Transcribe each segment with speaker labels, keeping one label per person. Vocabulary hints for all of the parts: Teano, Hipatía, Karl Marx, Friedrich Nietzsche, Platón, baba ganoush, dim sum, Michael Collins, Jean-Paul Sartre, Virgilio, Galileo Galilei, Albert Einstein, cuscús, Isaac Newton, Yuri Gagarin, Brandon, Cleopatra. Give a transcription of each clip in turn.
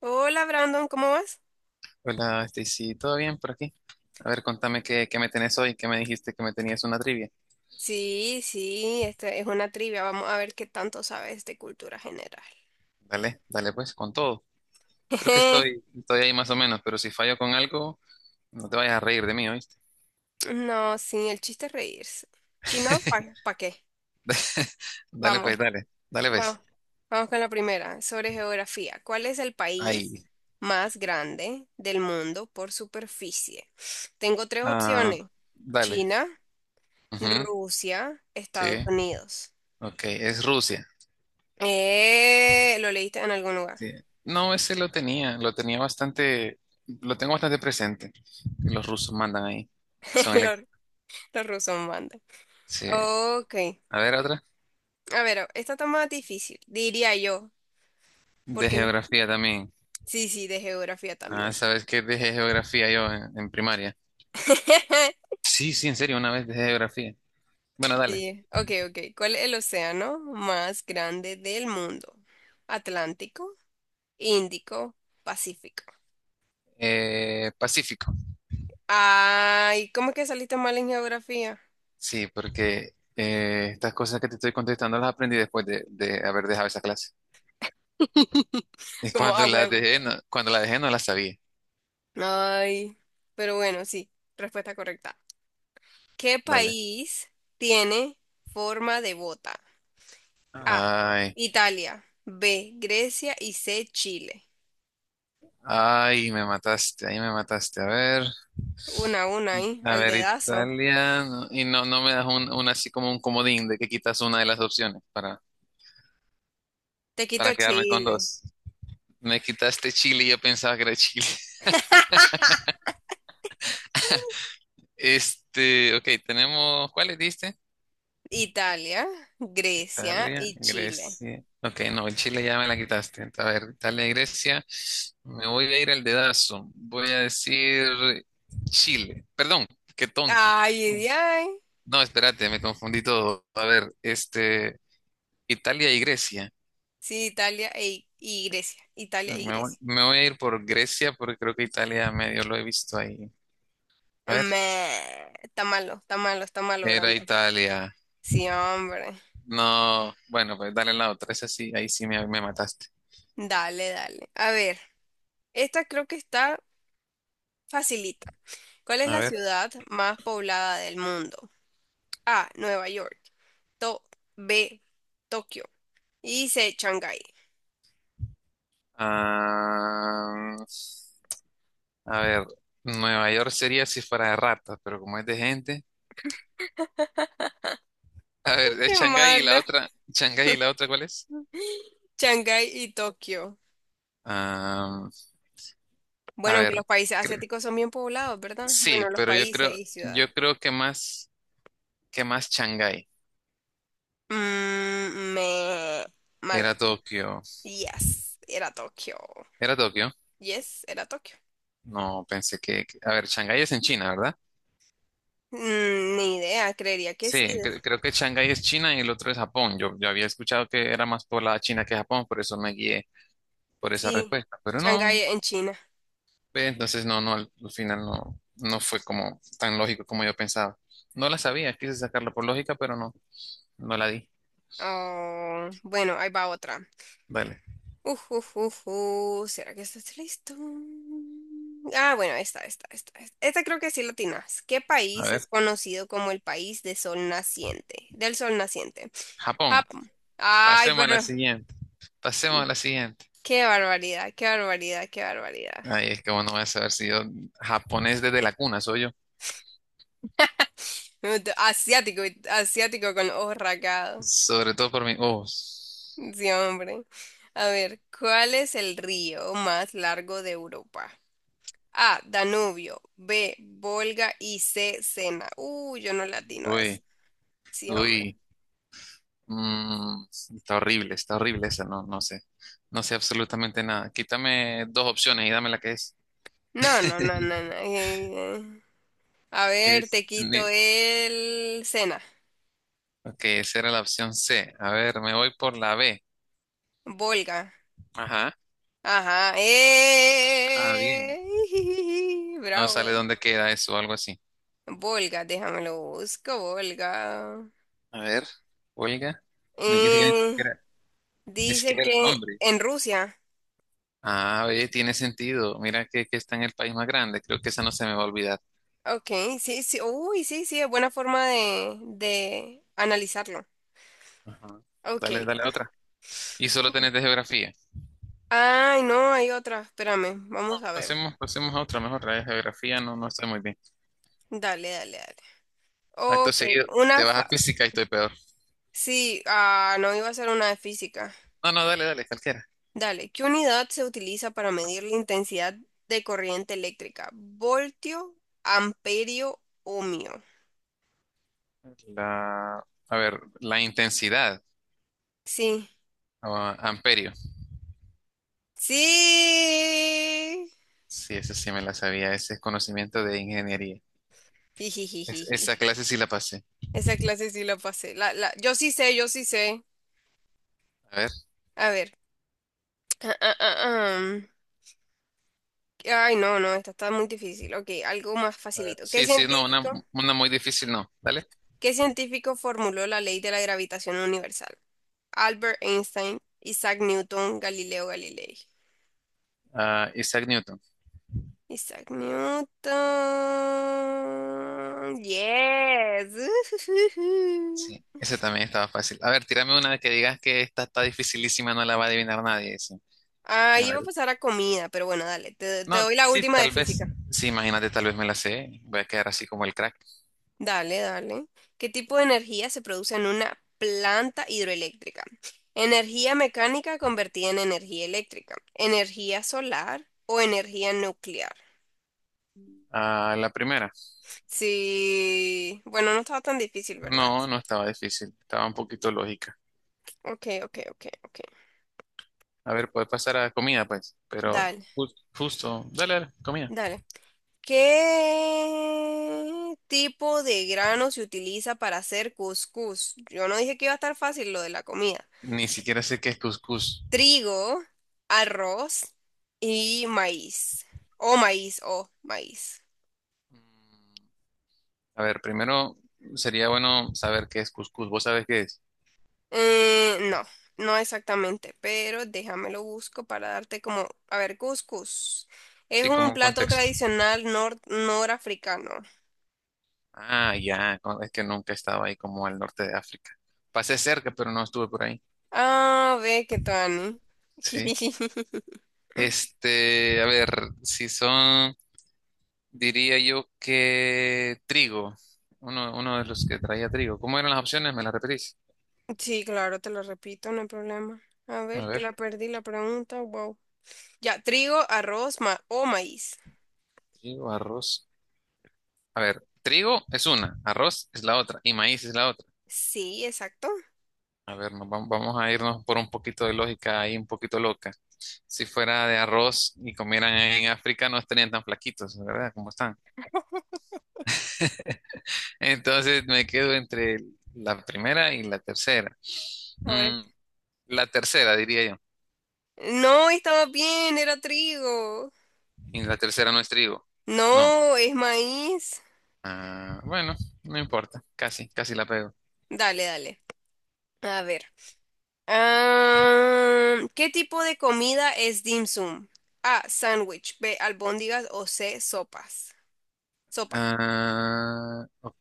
Speaker 1: Hola Brandon, ¿cómo vas?
Speaker 2: Hola, Stacy, ¿todo bien por aquí? A ver, contame qué me tenés hoy, qué me dijiste que me tenías una trivia.
Speaker 1: Sí, sí, este es una trivia. Vamos a ver qué tanto sabes de cultura general.
Speaker 2: Dale, dale pues, con todo. Creo que estoy, estoy ahí más o menos, pero si fallo con algo, no te vayas a reír de mí, ¿oíste?
Speaker 1: No, sí, el chiste es reírse. Si no, ¿para qué?
Speaker 2: Dale
Speaker 1: Vamos,
Speaker 2: pues, dale, dale
Speaker 1: vamos,
Speaker 2: pues.
Speaker 1: vamos con la primera, sobre geografía. ¿Cuál es el país
Speaker 2: Ahí.
Speaker 1: más grande del mundo por superficie? Tengo tres
Speaker 2: Ah,
Speaker 1: opciones.
Speaker 2: dale.
Speaker 1: China,
Speaker 2: Ujú,
Speaker 1: Rusia,
Speaker 2: sí,
Speaker 1: Estados Unidos.
Speaker 2: ok, es Rusia.
Speaker 1: Lo leíste en algún lugar.
Speaker 2: Sí. No, ese lo tenía bastante, lo tengo bastante presente. Los rusos mandan ahí. Son elect...
Speaker 1: Los, los rusos mandan.
Speaker 2: Sí.
Speaker 1: Ok.
Speaker 2: A ver, otra.
Speaker 1: A ver, esta está más difícil, diría yo,
Speaker 2: De
Speaker 1: porque
Speaker 2: geografía también.
Speaker 1: sí, sí, de geografía también.
Speaker 2: Ah, sabes que dejé geografía yo en primaria. Sí, sí, en serio, una vez dejé geografía. Bueno, dale.
Speaker 1: Sí. Ok. ¿Cuál es el océano más grande del mundo? Atlántico, Índico, Pacífico.
Speaker 2: Pacífico.
Speaker 1: Ay, ¿cómo es que saliste mal en geografía?
Speaker 2: Sí, porque estas cosas que te estoy contestando las aprendí después de haber dejado esa clase. Y
Speaker 1: Como
Speaker 2: cuando
Speaker 1: a
Speaker 2: la
Speaker 1: huevo.
Speaker 2: dejé, no, cuando la dejé no la sabía.
Speaker 1: Ay, pero bueno, sí, respuesta correcta. ¿Qué
Speaker 2: Dale.
Speaker 1: país tiene forma de bota? A.
Speaker 2: Ay,
Speaker 1: Italia. B. Grecia. Y C. Chile.
Speaker 2: ay, me mataste, ahí me mataste.
Speaker 1: Una a una ahí,
Speaker 2: A
Speaker 1: al
Speaker 2: ver,
Speaker 1: dedazo.
Speaker 2: Italia. No- Y no, no me das un así como un comodín de que quitas una de las opciones
Speaker 1: Te
Speaker 2: para
Speaker 1: quito
Speaker 2: quedarme con
Speaker 1: Chile.
Speaker 2: dos. Me quitaste Chile y yo pensaba que era Chile. Este, ok, tenemos, ¿cuáles diste?
Speaker 1: Italia, Grecia
Speaker 2: Italia,
Speaker 1: y Chile.
Speaker 2: Grecia. Ok, no, el Chile ya me la quitaste. A ver, Italia, Grecia. Me voy a ir al dedazo. Voy a decir Chile. Perdón, qué tonto.
Speaker 1: Ay, ay, ay.
Speaker 2: No, espérate, me confundí todo. A ver, este, Italia y Grecia.
Speaker 1: Sí, Italia y Grecia. Italia y
Speaker 2: Me voy,
Speaker 1: Grecia.
Speaker 2: me voy a ir por Grecia porque creo que Italia medio lo he visto ahí. A ver,
Speaker 1: Me, está malo,
Speaker 2: era
Speaker 1: Brandon.
Speaker 2: Italia.
Speaker 1: Sí, hombre.
Speaker 2: No, bueno, pues dale la otra. Esa sí, ahí sí me mataste.
Speaker 1: Dale, dale. A ver, esta creo que está facilita. ¿Cuál es
Speaker 2: A
Speaker 1: la
Speaker 2: ver.
Speaker 1: ciudad más poblada del mundo? A. Nueva York. To- B. Tokio. Y C. Shanghái.
Speaker 2: Ah, a ver, Nueva York sería si fuera de ratas, pero como es de gente. A ver, es
Speaker 1: Qué
Speaker 2: Shanghái y la
Speaker 1: mala.
Speaker 2: otra. ¿Shanghái y la otra cuál es?
Speaker 1: Shanghái y Tokio.
Speaker 2: Ah, a
Speaker 1: Bueno, aunque
Speaker 2: ver,
Speaker 1: los países
Speaker 2: cre-
Speaker 1: asiáticos son bien poblados, ¿verdad?
Speaker 2: sí,
Speaker 1: Bueno, los
Speaker 2: pero
Speaker 1: países y ciudades.
Speaker 2: yo creo que más Shanghái.
Speaker 1: Mm, me... Malo.
Speaker 2: Era Tokio.
Speaker 1: Yes, era Tokio.
Speaker 2: ¿Era Tokio?
Speaker 1: Yes, era Tokio.
Speaker 2: No, pensé que. Que- A ver, Shanghái es en China, ¿verdad?
Speaker 1: Mm, ni idea, creería que
Speaker 2: Sí,
Speaker 1: sí.
Speaker 2: cre- creo que Shanghái es China y el otro es Japón. Yo había escuchado que era más poblada China que Japón, por eso me guié por esa
Speaker 1: Sí,
Speaker 2: respuesta. Pero no,
Speaker 1: Shanghái en China.
Speaker 2: Ve, Entonces, no, no, al final no, no fue como tan lógico como yo pensaba. No la sabía, quise sacarla por lógica, pero no, no la di.
Speaker 1: Oh, bueno, ahí va otra.
Speaker 2: Dale,
Speaker 1: Uf. ¿Será que estás listo? Ah, bueno, esta. Esta creo que sí lo tienes. ¿Qué
Speaker 2: a
Speaker 1: país es
Speaker 2: ver,
Speaker 1: conocido como el país de sol naciente? Del sol naciente.
Speaker 2: Japón,
Speaker 1: Japón. Ay,
Speaker 2: pasemos a la
Speaker 1: pero
Speaker 2: siguiente, pasemos a la siguiente.
Speaker 1: qué barbaridad.
Speaker 2: Ay, es que bueno, voy a saber si yo japonés desde la cuna soy yo,
Speaker 1: Asiático, asiático con los ojos rasgados.
Speaker 2: sobre todo por mi, oh,
Speaker 1: Sí, hombre. A ver, ¿cuál es el río más largo de Europa? A, Danubio, B, Volga y C, Sena. Yo no latino a eso.
Speaker 2: uy,
Speaker 1: Sí, hombre.
Speaker 2: uy, mm, está horrible esa, no, no sé, no sé absolutamente nada. Quítame dos opciones y dame la que es.
Speaker 1: No, no, no, no, no. A ver,
Speaker 2: Es
Speaker 1: te quito
Speaker 2: ni-
Speaker 1: el Sena.
Speaker 2: Ok, esa era la opción C. A ver, me voy por la B.
Speaker 1: Volga.
Speaker 2: Ajá.
Speaker 1: Ajá.
Speaker 2: Ah, bien. No
Speaker 1: Bravo.
Speaker 2: sale dónde queda eso o algo así.
Speaker 1: Volga, déjamelo busco, Volga.
Speaker 2: A ver, huelga. Ni
Speaker 1: Eh,
Speaker 2: siquiera, ni
Speaker 1: Dice
Speaker 2: siquiera el
Speaker 1: que
Speaker 2: nombre.
Speaker 1: en Rusia.
Speaker 2: Ah, oye, tiene sentido. Mira que está en el país más grande. Creo que esa no se me va a olvidar.
Speaker 1: Ok, sí, sí. Uy, sí, sí, es buena forma de analizarlo.
Speaker 2: Ajá.
Speaker 1: Ok.
Speaker 2: Dale, dale a otra. Y solo tenés de geografía.
Speaker 1: Ay, no, hay otra. Espérame, vamos a ver.
Speaker 2: Pasemos, pasemos a otra mejor. La de geografía no, no estoy muy bien.
Speaker 1: Dale, dale, dale.
Speaker 2: Acto
Speaker 1: Ok,
Speaker 2: seguido,
Speaker 1: una
Speaker 2: te vas a
Speaker 1: fa...
Speaker 2: física y estoy peor.
Speaker 1: Sí, ah, no iba a ser una de física.
Speaker 2: No, no, dale, dale, cualquiera.
Speaker 1: Dale, ¿qué unidad se utiliza para medir la intensidad de corriente eléctrica? ¿Voltio, amperio, ohmio?
Speaker 2: La, a ver, la intensidad
Speaker 1: Sí.
Speaker 2: o amperio.
Speaker 1: Sí.
Speaker 2: Sí, ese sí me la sabía, ese es conocimiento de ingeniería. Es-
Speaker 1: Jijijijiji.
Speaker 2: esa clase sí la pasé.
Speaker 1: Esa clase sí la pasé. Yo sí sé, yo sí sé.
Speaker 2: A ver,
Speaker 1: A ver. Ah, ah, ah, ah. Ay, no, no, esta está muy difícil. Ok, algo más facilito.
Speaker 2: sí, sí, no, una muy difícil no, ¿vale?
Speaker 1: ¿Qué científico formuló la ley de la gravitación universal? Albert Einstein, Isaac Newton, Galileo Galilei.
Speaker 2: Ah, Isaac Newton,
Speaker 1: Isaac Newton. Yes.
Speaker 2: sí, ese también estaba fácil. A ver, tírame una que digas que esta está dificilísima, no la va a adivinar nadie, sí.
Speaker 1: Ah,
Speaker 2: A
Speaker 1: iba a
Speaker 2: ver,
Speaker 1: pasar a comida, pero bueno, dale. Te
Speaker 2: no,
Speaker 1: doy la
Speaker 2: sí,
Speaker 1: última de
Speaker 2: tal vez,
Speaker 1: física.
Speaker 2: sí, imagínate, tal vez me la sé, voy a quedar así como el crack.
Speaker 1: Dale, dale. ¿Qué tipo de energía se produce en una planta hidroeléctrica? Energía mecánica convertida en energía eléctrica, energía solar o energía nuclear.
Speaker 2: Ah, la primera,
Speaker 1: Sí, bueno, no estaba tan difícil, ¿verdad?
Speaker 2: no, no estaba difícil, estaba un poquito lógica.
Speaker 1: Ok.
Speaker 2: A ver, puede pasar a comida, pues, pero
Speaker 1: Dale,
Speaker 2: ju- justo, dale, dale, comida.
Speaker 1: dale. ¿Qué tipo de grano se utiliza para hacer cuscús? Yo no dije que iba a estar fácil lo de la comida.
Speaker 2: Ni siquiera sé qué es cuscús.
Speaker 1: Trigo, arroz y maíz. O maíz.
Speaker 2: Mm, a ver, primero sería bueno saber qué es cuscús. ¿Vos sabés qué es?
Speaker 1: No, no exactamente, pero déjamelo busco para darte como, a ver, cuscús. Es
Speaker 2: Sí, como
Speaker 1: un
Speaker 2: un
Speaker 1: plato
Speaker 2: contexto.
Speaker 1: tradicional nor norafricano.
Speaker 2: Ah, ya, con- es que nunca estaba ahí como al norte de África. Pasé cerca, pero no estuve por ahí.
Speaker 1: Ah, ve que Tani.
Speaker 2: Sí. Este, a ver, si son, diría yo que trigo. Uno de los que traía trigo. ¿Cómo eran las opciones? ¿Me las repetís?
Speaker 1: Sí, claro, te lo repito, no hay problema. A
Speaker 2: A
Speaker 1: ver, que
Speaker 2: ver,
Speaker 1: la perdí la pregunta. Wow. Ya, trigo, arroz ma o maíz.
Speaker 2: trigo, arroz. A ver, trigo es una, arroz es la otra y maíz es la otra.
Speaker 1: Sí, exacto.
Speaker 2: A ver, nos vam- vamos a irnos por un poquito de lógica ahí, un poquito loca. Si fuera de arroz y comieran en África, no estarían tan flaquitos, ¿verdad? Como están. Entonces me quedo entre la primera y la tercera.
Speaker 1: Ahora,
Speaker 2: Mm, la tercera, diría yo.
Speaker 1: no, estaba bien, era trigo.
Speaker 2: Y la tercera no es trigo. No.
Speaker 1: No, es maíz.
Speaker 2: Ah, bueno, no importa. Casi, casi la pego.
Speaker 1: Dale, dale. A ver. Ah, ¿qué tipo de comida es dim sum? A, sándwich. B, albóndigas o C, sopas. Sopa.
Speaker 2: Ah, ok.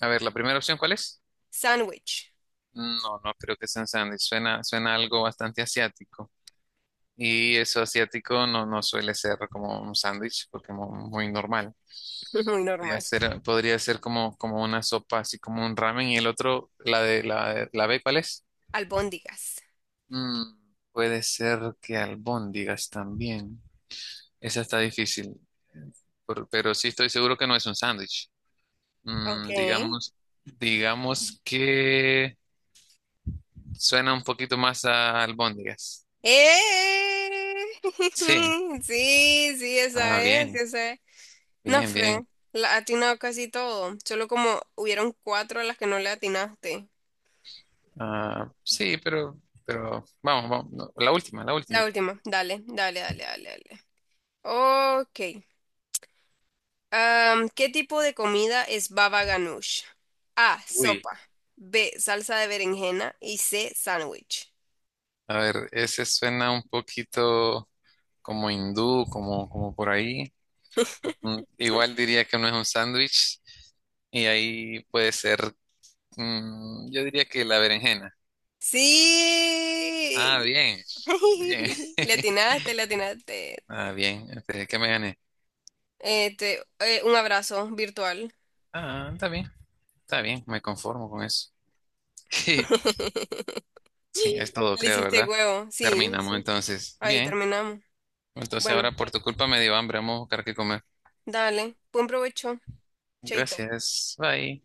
Speaker 2: A ver, ¿la primera opción cuál es?
Speaker 1: Sándwich.
Speaker 2: No, no creo que sea un sándwich. Suena algo bastante asiático. Y eso asiático no, no suele ser como un sándwich, porque es muy normal.
Speaker 1: Muy
Speaker 2: Podría
Speaker 1: normal.
Speaker 2: ser, podría ser como, como una sopa, así como un ramen. Y el otro, la de la, de- la B, ¿cuál es?
Speaker 1: Albóndigas.
Speaker 2: Mm, puede ser que albóndigas también. Esa está difícil. Por- pero sí estoy seguro que no es un sándwich. Mm,
Speaker 1: Okay.
Speaker 2: digamos, digamos que suena un poquito más a albóndigas.
Speaker 1: ¡Eh!
Speaker 2: Sí.
Speaker 1: Sí, sí, esa
Speaker 2: Ah,
Speaker 1: es, sí,
Speaker 2: bien,
Speaker 1: esa es. No,
Speaker 2: bien,
Speaker 1: Fred,
Speaker 2: bien.
Speaker 1: la ha atinado casi todo. Solo como hubieron cuatro a las que no le atinaste.
Speaker 2: Ah, sí, pero vamos, vamos, no, la última, la
Speaker 1: La
Speaker 2: última.
Speaker 1: última, dale. Ok. Am, ¿qué tipo de comida es baba ganoush? A,
Speaker 2: Uy,
Speaker 1: sopa. B, salsa de berenjena. Y C, sándwich.
Speaker 2: a ver, ese suena un poquito como hindú, como, como por ahí. Mm, igual diría que no es un sándwich y ahí puede ser, mm, yo diría que la berenjena. Ah,
Speaker 1: Sí.
Speaker 2: bien, bien.
Speaker 1: Le atinaste, le atinaste.
Speaker 2: Ah, bien, esperé que me gané.
Speaker 1: Este, un abrazo virtual.
Speaker 2: Ah, está bien, me conformo con eso. Sí, es todo,
Speaker 1: Le
Speaker 2: creo,
Speaker 1: hiciste
Speaker 2: ¿verdad?
Speaker 1: huevo, sí,
Speaker 2: Terminamos
Speaker 1: sí.
Speaker 2: entonces.
Speaker 1: Ahí
Speaker 2: Bien.
Speaker 1: terminamos.
Speaker 2: Entonces
Speaker 1: Bueno,
Speaker 2: ahora por tu culpa me dio hambre. Vamos a buscar qué comer.
Speaker 1: dale, buen provecho, chaito.
Speaker 2: Gracias. Bye.